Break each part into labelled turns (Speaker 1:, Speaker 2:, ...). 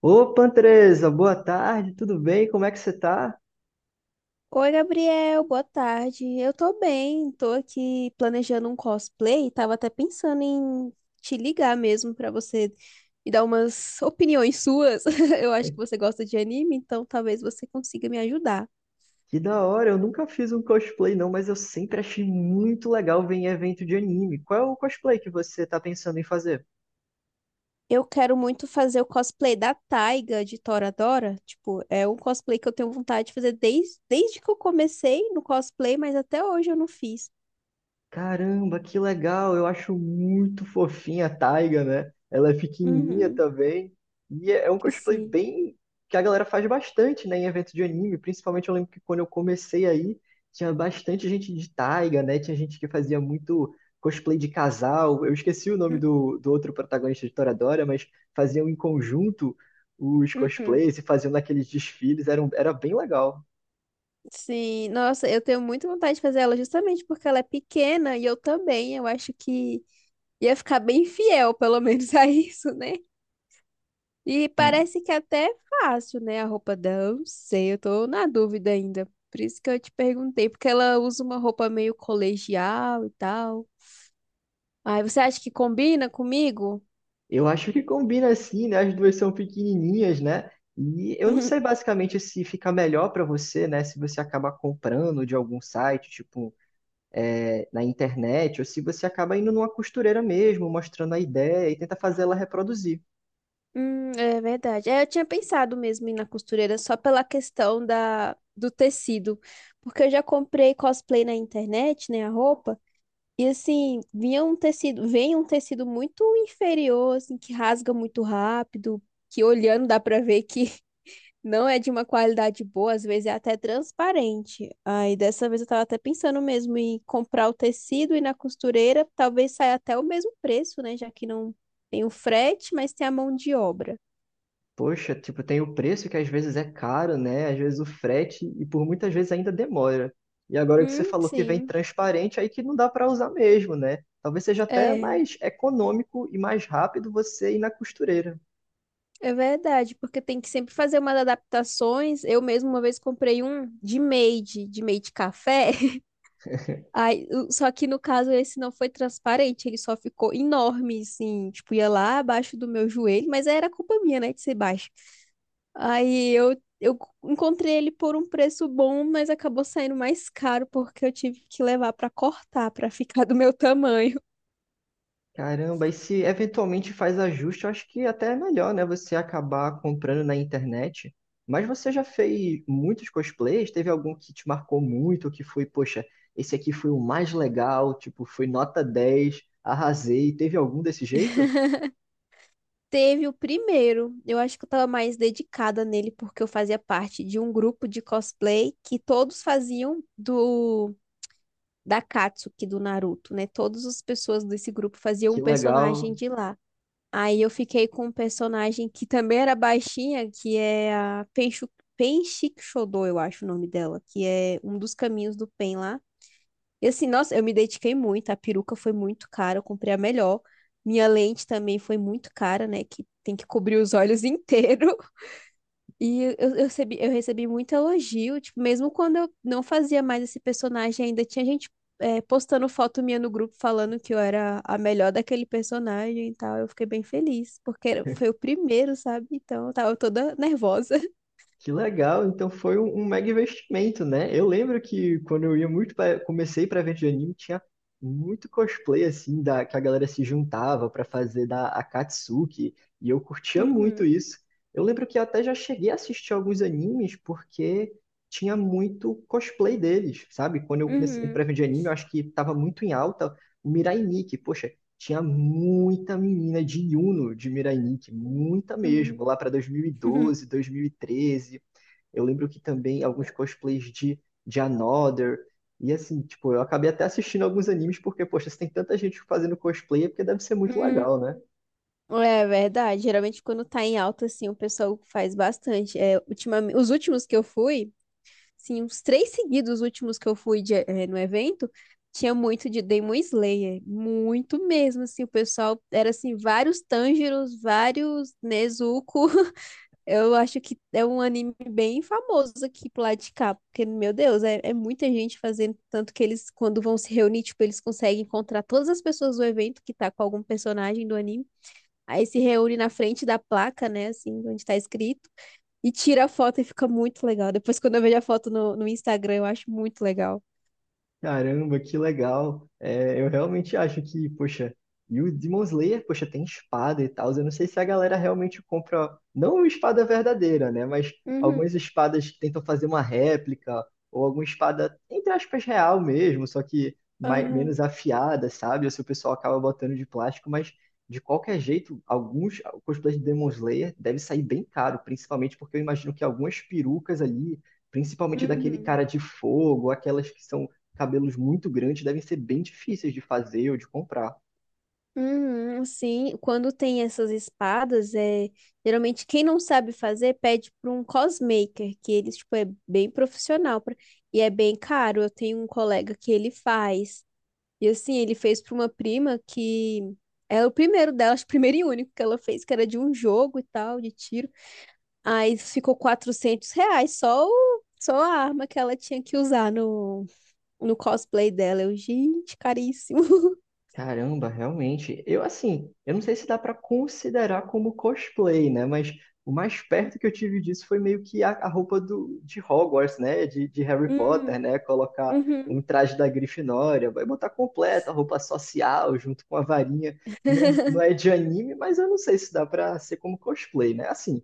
Speaker 1: Opa, Andresa, boa tarde, tudo bem? Como é que você tá?
Speaker 2: Oi, Gabriel, boa tarde. Eu tô bem, tô aqui planejando um cosplay. Tava até pensando em te ligar mesmo pra você me dar umas opiniões suas. Eu acho que você gosta de anime, então talvez você consiga me ajudar.
Speaker 1: Que da hora, eu nunca fiz um cosplay não, mas eu sempre achei muito legal ver em evento de anime. Qual é o cosplay que você tá pensando em fazer?
Speaker 2: Eu quero muito fazer o cosplay da Taiga de Toradora. Tipo, é um cosplay que eu tenho vontade de fazer desde que eu comecei no cosplay, mas até hoje eu não fiz.
Speaker 1: Caramba, que legal! Eu acho muito fofinha a Taiga, né? Ela é pequenininha
Speaker 2: Uhum,
Speaker 1: também. E é um cosplay
Speaker 2: sim.
Speaker 1: bem que a galera faz bastante, né, em eventos de anime. Principalmente eu lembro que quando eu comecei aí, tinha bastante gente de Taiga, né? Tinha gente que fazia muito cosplay de casal. Eu esqueci o nome do outro protagonista de Toradora, mas faziam em conjunto os
Speaker 2: Uhum.
Speaker 1: cosplays e faziam naqueles desfiles. Era, era bem legal.
Speaker 2: Sim, nossa, eu tenho muita vontade de fazer ela justamente porque ela é pequena e eu também, eu acho que ia ficar bem fiel, pelo menos, a isso, né? E parece que até é fácil, né? A roupa dela, eu não sei, eu tô na dúvida ainda. Por isso que eu te perguntei, porque ela usa uma roupa meio colegial e tal. Ai, você acha que combina comigo?
Speaker 1: Eu acho que combina assim, né? As duas são pequenininhas, né? E eu não sei basicamente se fica melhor para você, né? Se você acaba comprando de algum site, tipo, é, na internet, ou se você acaba indo numa costureira mesmo, mostrando a ideia e tenta fazer ela reproduzir.
Speaker 2: É verdade. É, eu tinha pensado mesmo em ir na costureira só pela questão da, do tecido, porque eu já comprei cosplay na internet, né, a roupa, e assim, vinha um tecido, vem um tecido muito inferior, assim, que rasga muito rápido, que olhando dá pra ver que não é de uma qualidade boa, às vezes é até transparente. Aí dessa vez eu tava até pensando mesmo em comprar o tecido e ir na costureira, talvez saia até o mesmo preço, né, já que não tem o frete, mas tem a mão de obra.
Speaker 1: Poxa, tipo, tem o preço que às vezes é caro, né? Às vezes o frete e por muitas vezes ainda demora. E agora que você falou que vem
Speaker 2: Sim.
Speaker 1: transparente, aí que não dá para usar mesmo, né? Talvez seja até
Speaker 2: É,
Speaker 1: mais econômico e mais rápido você ir na costureira.
Speaker 2: é verdade, porque tem que sempre fazer umas adaptações. Eu mesma uma vez comprei um de made café. Aí, o- só que no caso esse não foi transparente, ele só ficou enorme, assim, tipo, ia lá abaixo do meu joelho, mas era culpa minha, né, de ser baixo. Aí eu encontrei ele por um preço bom, mas acabou saindo mais caro porque eu tive que levar pra cortar, pra ficar do meu tamanho.
Speaker 1: Caramba, e se eventualmente faz ajuste, eu acho que até é melhor, né? Você acabar comprando na internet. Mas você já fez muitos cosplays? Teve algum que te marcou muito, que foi, poxa, esse aqui foi o mais legal, tipo, foi nota 10, arrasei. Teve algum desse jeito?
Speaker 2: Teve o primeiro. Eu acho que eu tava mais dedicada nele porque eu fazia parte de um grupo de cosplay que todos faziam do da Katsuki do Naruto, né? Todas as pessoas desse grupo faziam
Speaker 1: Que
Speaker 2: um personagem
Speaker 1: legal.
Speaker 2: de lá. Aí eu fiquei com um personagem que também era baixinha, que é a Penshu... Penshikshodou, eu acho o nome dela, que é um dos caminhos do Pen lá. E assim, nossa, eu me dediquei muito, a peruca foi muito cara, eu comprei a melhor. Minha lente também foi muito cara, né? Que tem que cobrir os olhos inteiro. E eu recebi muito elogio, tipo, mesmo quando eu não fazia mais esse personagem, ainda tinha gente postando foto minha no grupo falando que eu era a melhor daquele personagem e tal. Eu fiquei bem feliz, porque era- foi o primeiro, sabe? Então eu tava toda nervosa.
Speaker 1: Que legal, então foi um, um mega investimento, né? Eu lembro que quando eu ia muito pra, comecei para ver de anime, tinha muito cosplay assim da que a galera se juntava para fazer da Akatsuki, e eu curtia muito
Speaker 2: Uhum,
Speaker 1: isso. Eu lembro que eu até já cheguei a assistir alguns animes porque tinha muito cosplay deles, sabe? Quando eu comecei para
Speaker 2: uhum,
Speaker 1: ver de anime, eu acho que estava muito em alta o Mirai Nikki. Poxa, tinha muita menina de Uno de Miranique, muita
Speaker 2: uhum.
Speaker 1: mesmo, lá para 2012, 2013. Eu lembro que também alguns cosplays de Another. E assim, tipo, eu acabei até assistindo alguns animes porque, poxa, se tem tanta gente fazendo cosplay é porque deve ser muito legal, né?
Speaker 2: É verdade. Geralmente quando tá em alta, assim, o pessoal faz bastante. É, ultimamente, os últimos que eu fui, sim, uns três seguidos os últimos que eu fui de- no evento, tinha muito de Demon Slayer. Muito mesmo, assim, o pessoal era assim, vários Tanjiros, vários Nezuko. Eu acho que é um anime bem famoso aqui pro lado de cá, porque, meu Deus, é muita gente fazendo, tanto que eles, quando vão se reunir, tipo, eles conseguem encontrar todas as pessoas do evento que tá com algum personagem do anime. Aí se reúne na frente da placa, né, assim, onde tá escrito, e tira a foto e fica muito legal. Depois, quando eu vejo a foto no Instagram, eu acho muito legal.
Speaker 1: Caramba, que legal. É, eu realmente acho que, poxa, e o Demon Slayer, poxa, tem espada e tal. Eu não sei se a galera realmente compra, não uma espada verdadeira, né? Mas
Speaker 2: Uhum.
Speaker 1: algumas espadas tentam fazer uma réplica, ou alguma espada, entre aspas, real mesmo, só que mais,
Speaker 2: Aham.
Speaker 1: menos afiada, sabe? Ou se o pessoal acaba botando de plástico, mas de qualquer jeito, alguns cosplays de Demon Slayer deve sair bem caro, principalmente porque eu imagino que algumas perucas ali, principalmente daquele
Speaker 2: Uhum.
Speaker 1: cara de fogo, aquelas que são cabelos muito grandes devem ser bem difíceis de fazer ou de comprar.
Speaker 2: Uhum. Sim, quando tem essas espadas, é geralmente quem não sabe fazer pede para um cosmaker, que ele tipo, é bem profissional pra- e é bem caro. Eu tenho um colega que ele faz. E assim, ele fez para uma prima que era o primeiro dela, acho que o primeiro e único que ela fez, que era de um jogo e tal, de tiro. Aí ficou 400 reais só, o, só a arma que ela tinha que usar no, no cosplay dela. Eu, gente, caríssimo.
Speaker 1: Caramba, realmente. Eu, assim, eu não sei se dá para considerar como cosplay, né? Mas o mais perto que eu tive disso foi meio que a roupa do, de Hogwarts, né? De Harry Potter,
Speaker 2: Hum.
Speaker 1: né? Colocar um
Speaker 2: Uhum.
Speaker 1: traje da Grifinória, vai botar completa a roupa social junto com a varinha. Não é de anime, mas eu não sei se dá para ser como cosplay, né? Assim,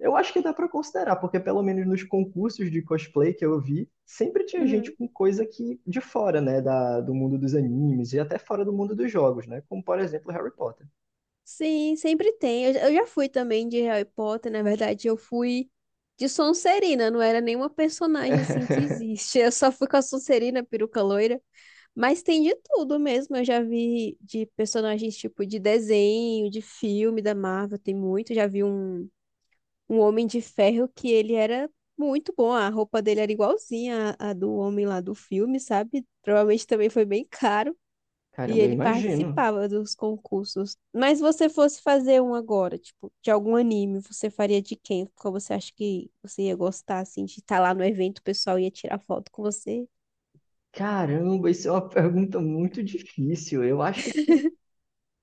Speaker 1: eu acho que dá para considerar, porque pelo menos nos concursos de cosplay que eu vi, sempre tinha gente
Speaker 2: Uhum.
Speaker 1: com coisa que de fora, né, do mundo dos animes e até fora do mundo dos jogos, né, como por exemplo Harry Potter.
Speaker 2: Sim, sempre tem. Eu já fui também de Harry Potter, na verdade, eu fui de Sonserina, não era nenhuma personagem assim que existe. Eu só fui com a Sonserina, peruca loira. Mas tem de tudo mesmo. Eu já vi de personagens tipo de desenho, de filme da Marvel, tem muito. Já vi um homem de ferro que ele era muito bom. A roupa dele era igualzinha à do homem lá do filme, sabe? Provavelmente também foi bem caro. E
Speaker 1: Caramba, eu
Speaker 2: ele
Speaker 1: imagino.
Speaker 2: participava dos concursos. Mas se você fosse fazer um agora, tipo, de algum anime, você faria de quem? Qual você acha que você ia gostar, assim, de estar lá no evento, o pessoal ia tirar foto com você?
Speaker 1: Caramba, isso é uma pergunta muito difícil. Eu acho que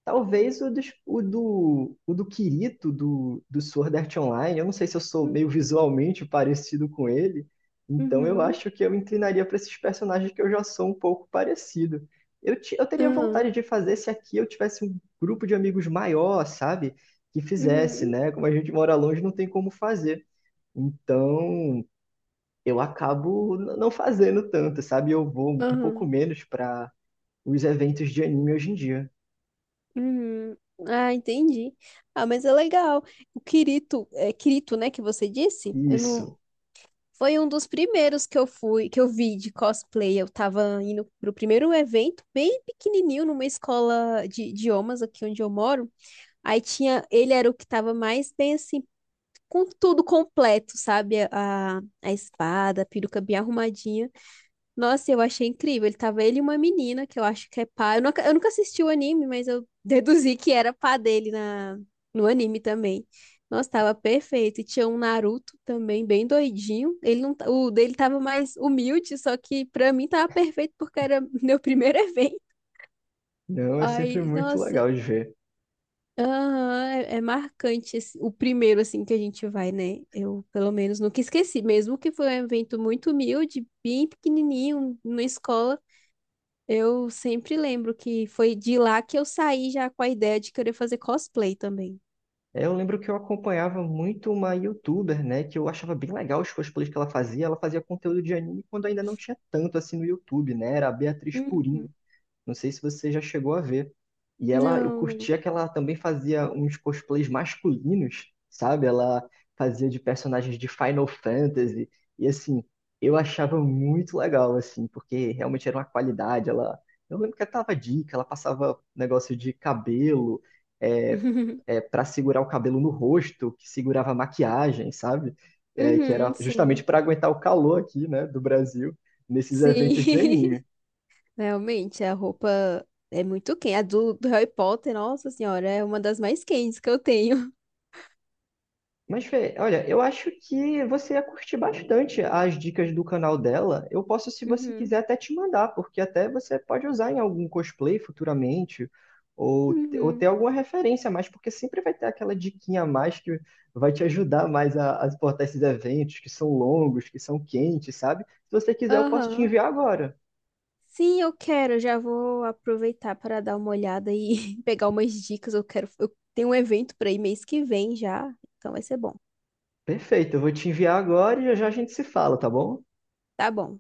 Speaker 1: talvez o do Kirito, do Sword Art Online. Eu não sei se eu sou
Speaker 2: Hum.
Speaker 1: meio visualmente parecido com ele, então eu
Speaker 2: Uhum,
Speaker 1: acho que eu inclinaria para esses personagens que eu já sou um pouco parecido. Eu teria
Speaker 2: aham,
Speaker 1: vontade de fazer se aqui eu tivesse um grupo de amigos maior, sabe? Que fizesse,
Speaker 2: uhum,
Speaker 1: né? Como a gente mora longe, não tem como fazer. Então eu acabo não fazendo tanto, sabe? Eu vou um pouco
Speaker 2: aham,
Speaker 1: menos para os eventos de anime hoje em dia.
Speaker 2: uhum. Ah, entendi. Ah, mas é legal. O Kirito, é Kirito, né, que você disse? Eu não.
Speaker 1: Isso.
Speaker 2: Foi um dos primeiros que eu fui, que eu vi de cosplay. Eu tava indo pro primeiro evento, bem pequenininho, numa escola de idiomas aqui onde eu moro. Aí tinha, ele era o que tava mais bem assim, com tudo completo, sabe? A espada, a peruca bem arrumadinha. Nossa, eu achei incrível. Ele tava ele e uma menina que eu acho que é pá. Eu nunca assisti o anime, mas eu deduzi que era pá dele na, no anime também. Nossa, tava perfeito. E tinha um Naruto também, bem doidinho. Ele não, ta- o dele tava mais humilde, só que pra mim tava perfeito porque era meu primeiro evento.
Speaker 1: Não, é sempre
Speaker 2: Ai,
Speaker 1: muito
Speaker 2: nossa.
Speaker 1: legal de ver.
Speaker 2: Aham, é, é marcante esse- o primeiro assim que a gente vai, né? Eu, pelo menos, nunca esqueci, mesmo que foi um evento muito humilde, bem pequenininho, numa escola. Eu sempre lembro que foi de lá que eu saí já com a ideia de querer fazer cosplay também.
Speaker 1: É, eu lembro que eu acompanhava muito uma youtuber, né, que eu achava bem legal os cosplays que ela fazia. Ela fazia conteúdo de anime quando ainda não tinha tanto assim no YouTube, né? Era a Beatriz Purim.
Speaker 2: Uhum.
Speaker 1: Não sei se você já chegou a ver. E ela, eu
Speaker 2: Não, não.
Speaker 1: curtia que ela também fazia uns cosplays masculinos, sabe? Ela fazia de personagens de Final Fantasy. E assim, eu achava muito legal, assim, porque realmente era uma qualidade. Ela, eu lembro que ela tava dica, ela passava um negócio de cabelo, é, para segurar o cabelo no rosto, que segurava a maquiagem, sabe? É, que
Speaker 2: Uhum,
Speaker 1: era justamente
Speaker 2: sim.
Speaker 1: para aguentar o calor aqui, né, do Brasil, nesses
Speaker 2: Sim.
Speaker 1: eventos de anime.
Speaker 2: Realmente, a roupa é muito quente. A do Harry Potter, nossa senhora, é uma das mais quentes que eu tenho.
Speaker 1: Mas, Fê, olha, eu acho que você ia curtir bastante as dicas do canal dela. Eu posso, se você
Speaker 2: Uhum.
Speaker 1: quiser, até te mandar, porque até você pode usar em algum cosplay futuramente, ou ter
Speaker 2: Uhum.
Speaker 1: alguma referência a mais, porque sempre vai ter aquela diquinha a mais que vai te ajudar mais a suportar esses eventos que são longos, que são quentes, sabe? Se você quiser, eu posso te
Speaker 2: Aham.
Speaker 1: enviar agora.
Speaker 2: Sim, eu quero. Eu já vou aproveitar para dar uma olhada e pegar umas dicas. Eu quero. Eu tenho um evento para ir mês que vem já, então vai ser bom.
Speaker 1: Perfeito, eu vou te enviar agora e já já a gente se fala, tá bom?
Speaker 2: Tá bom.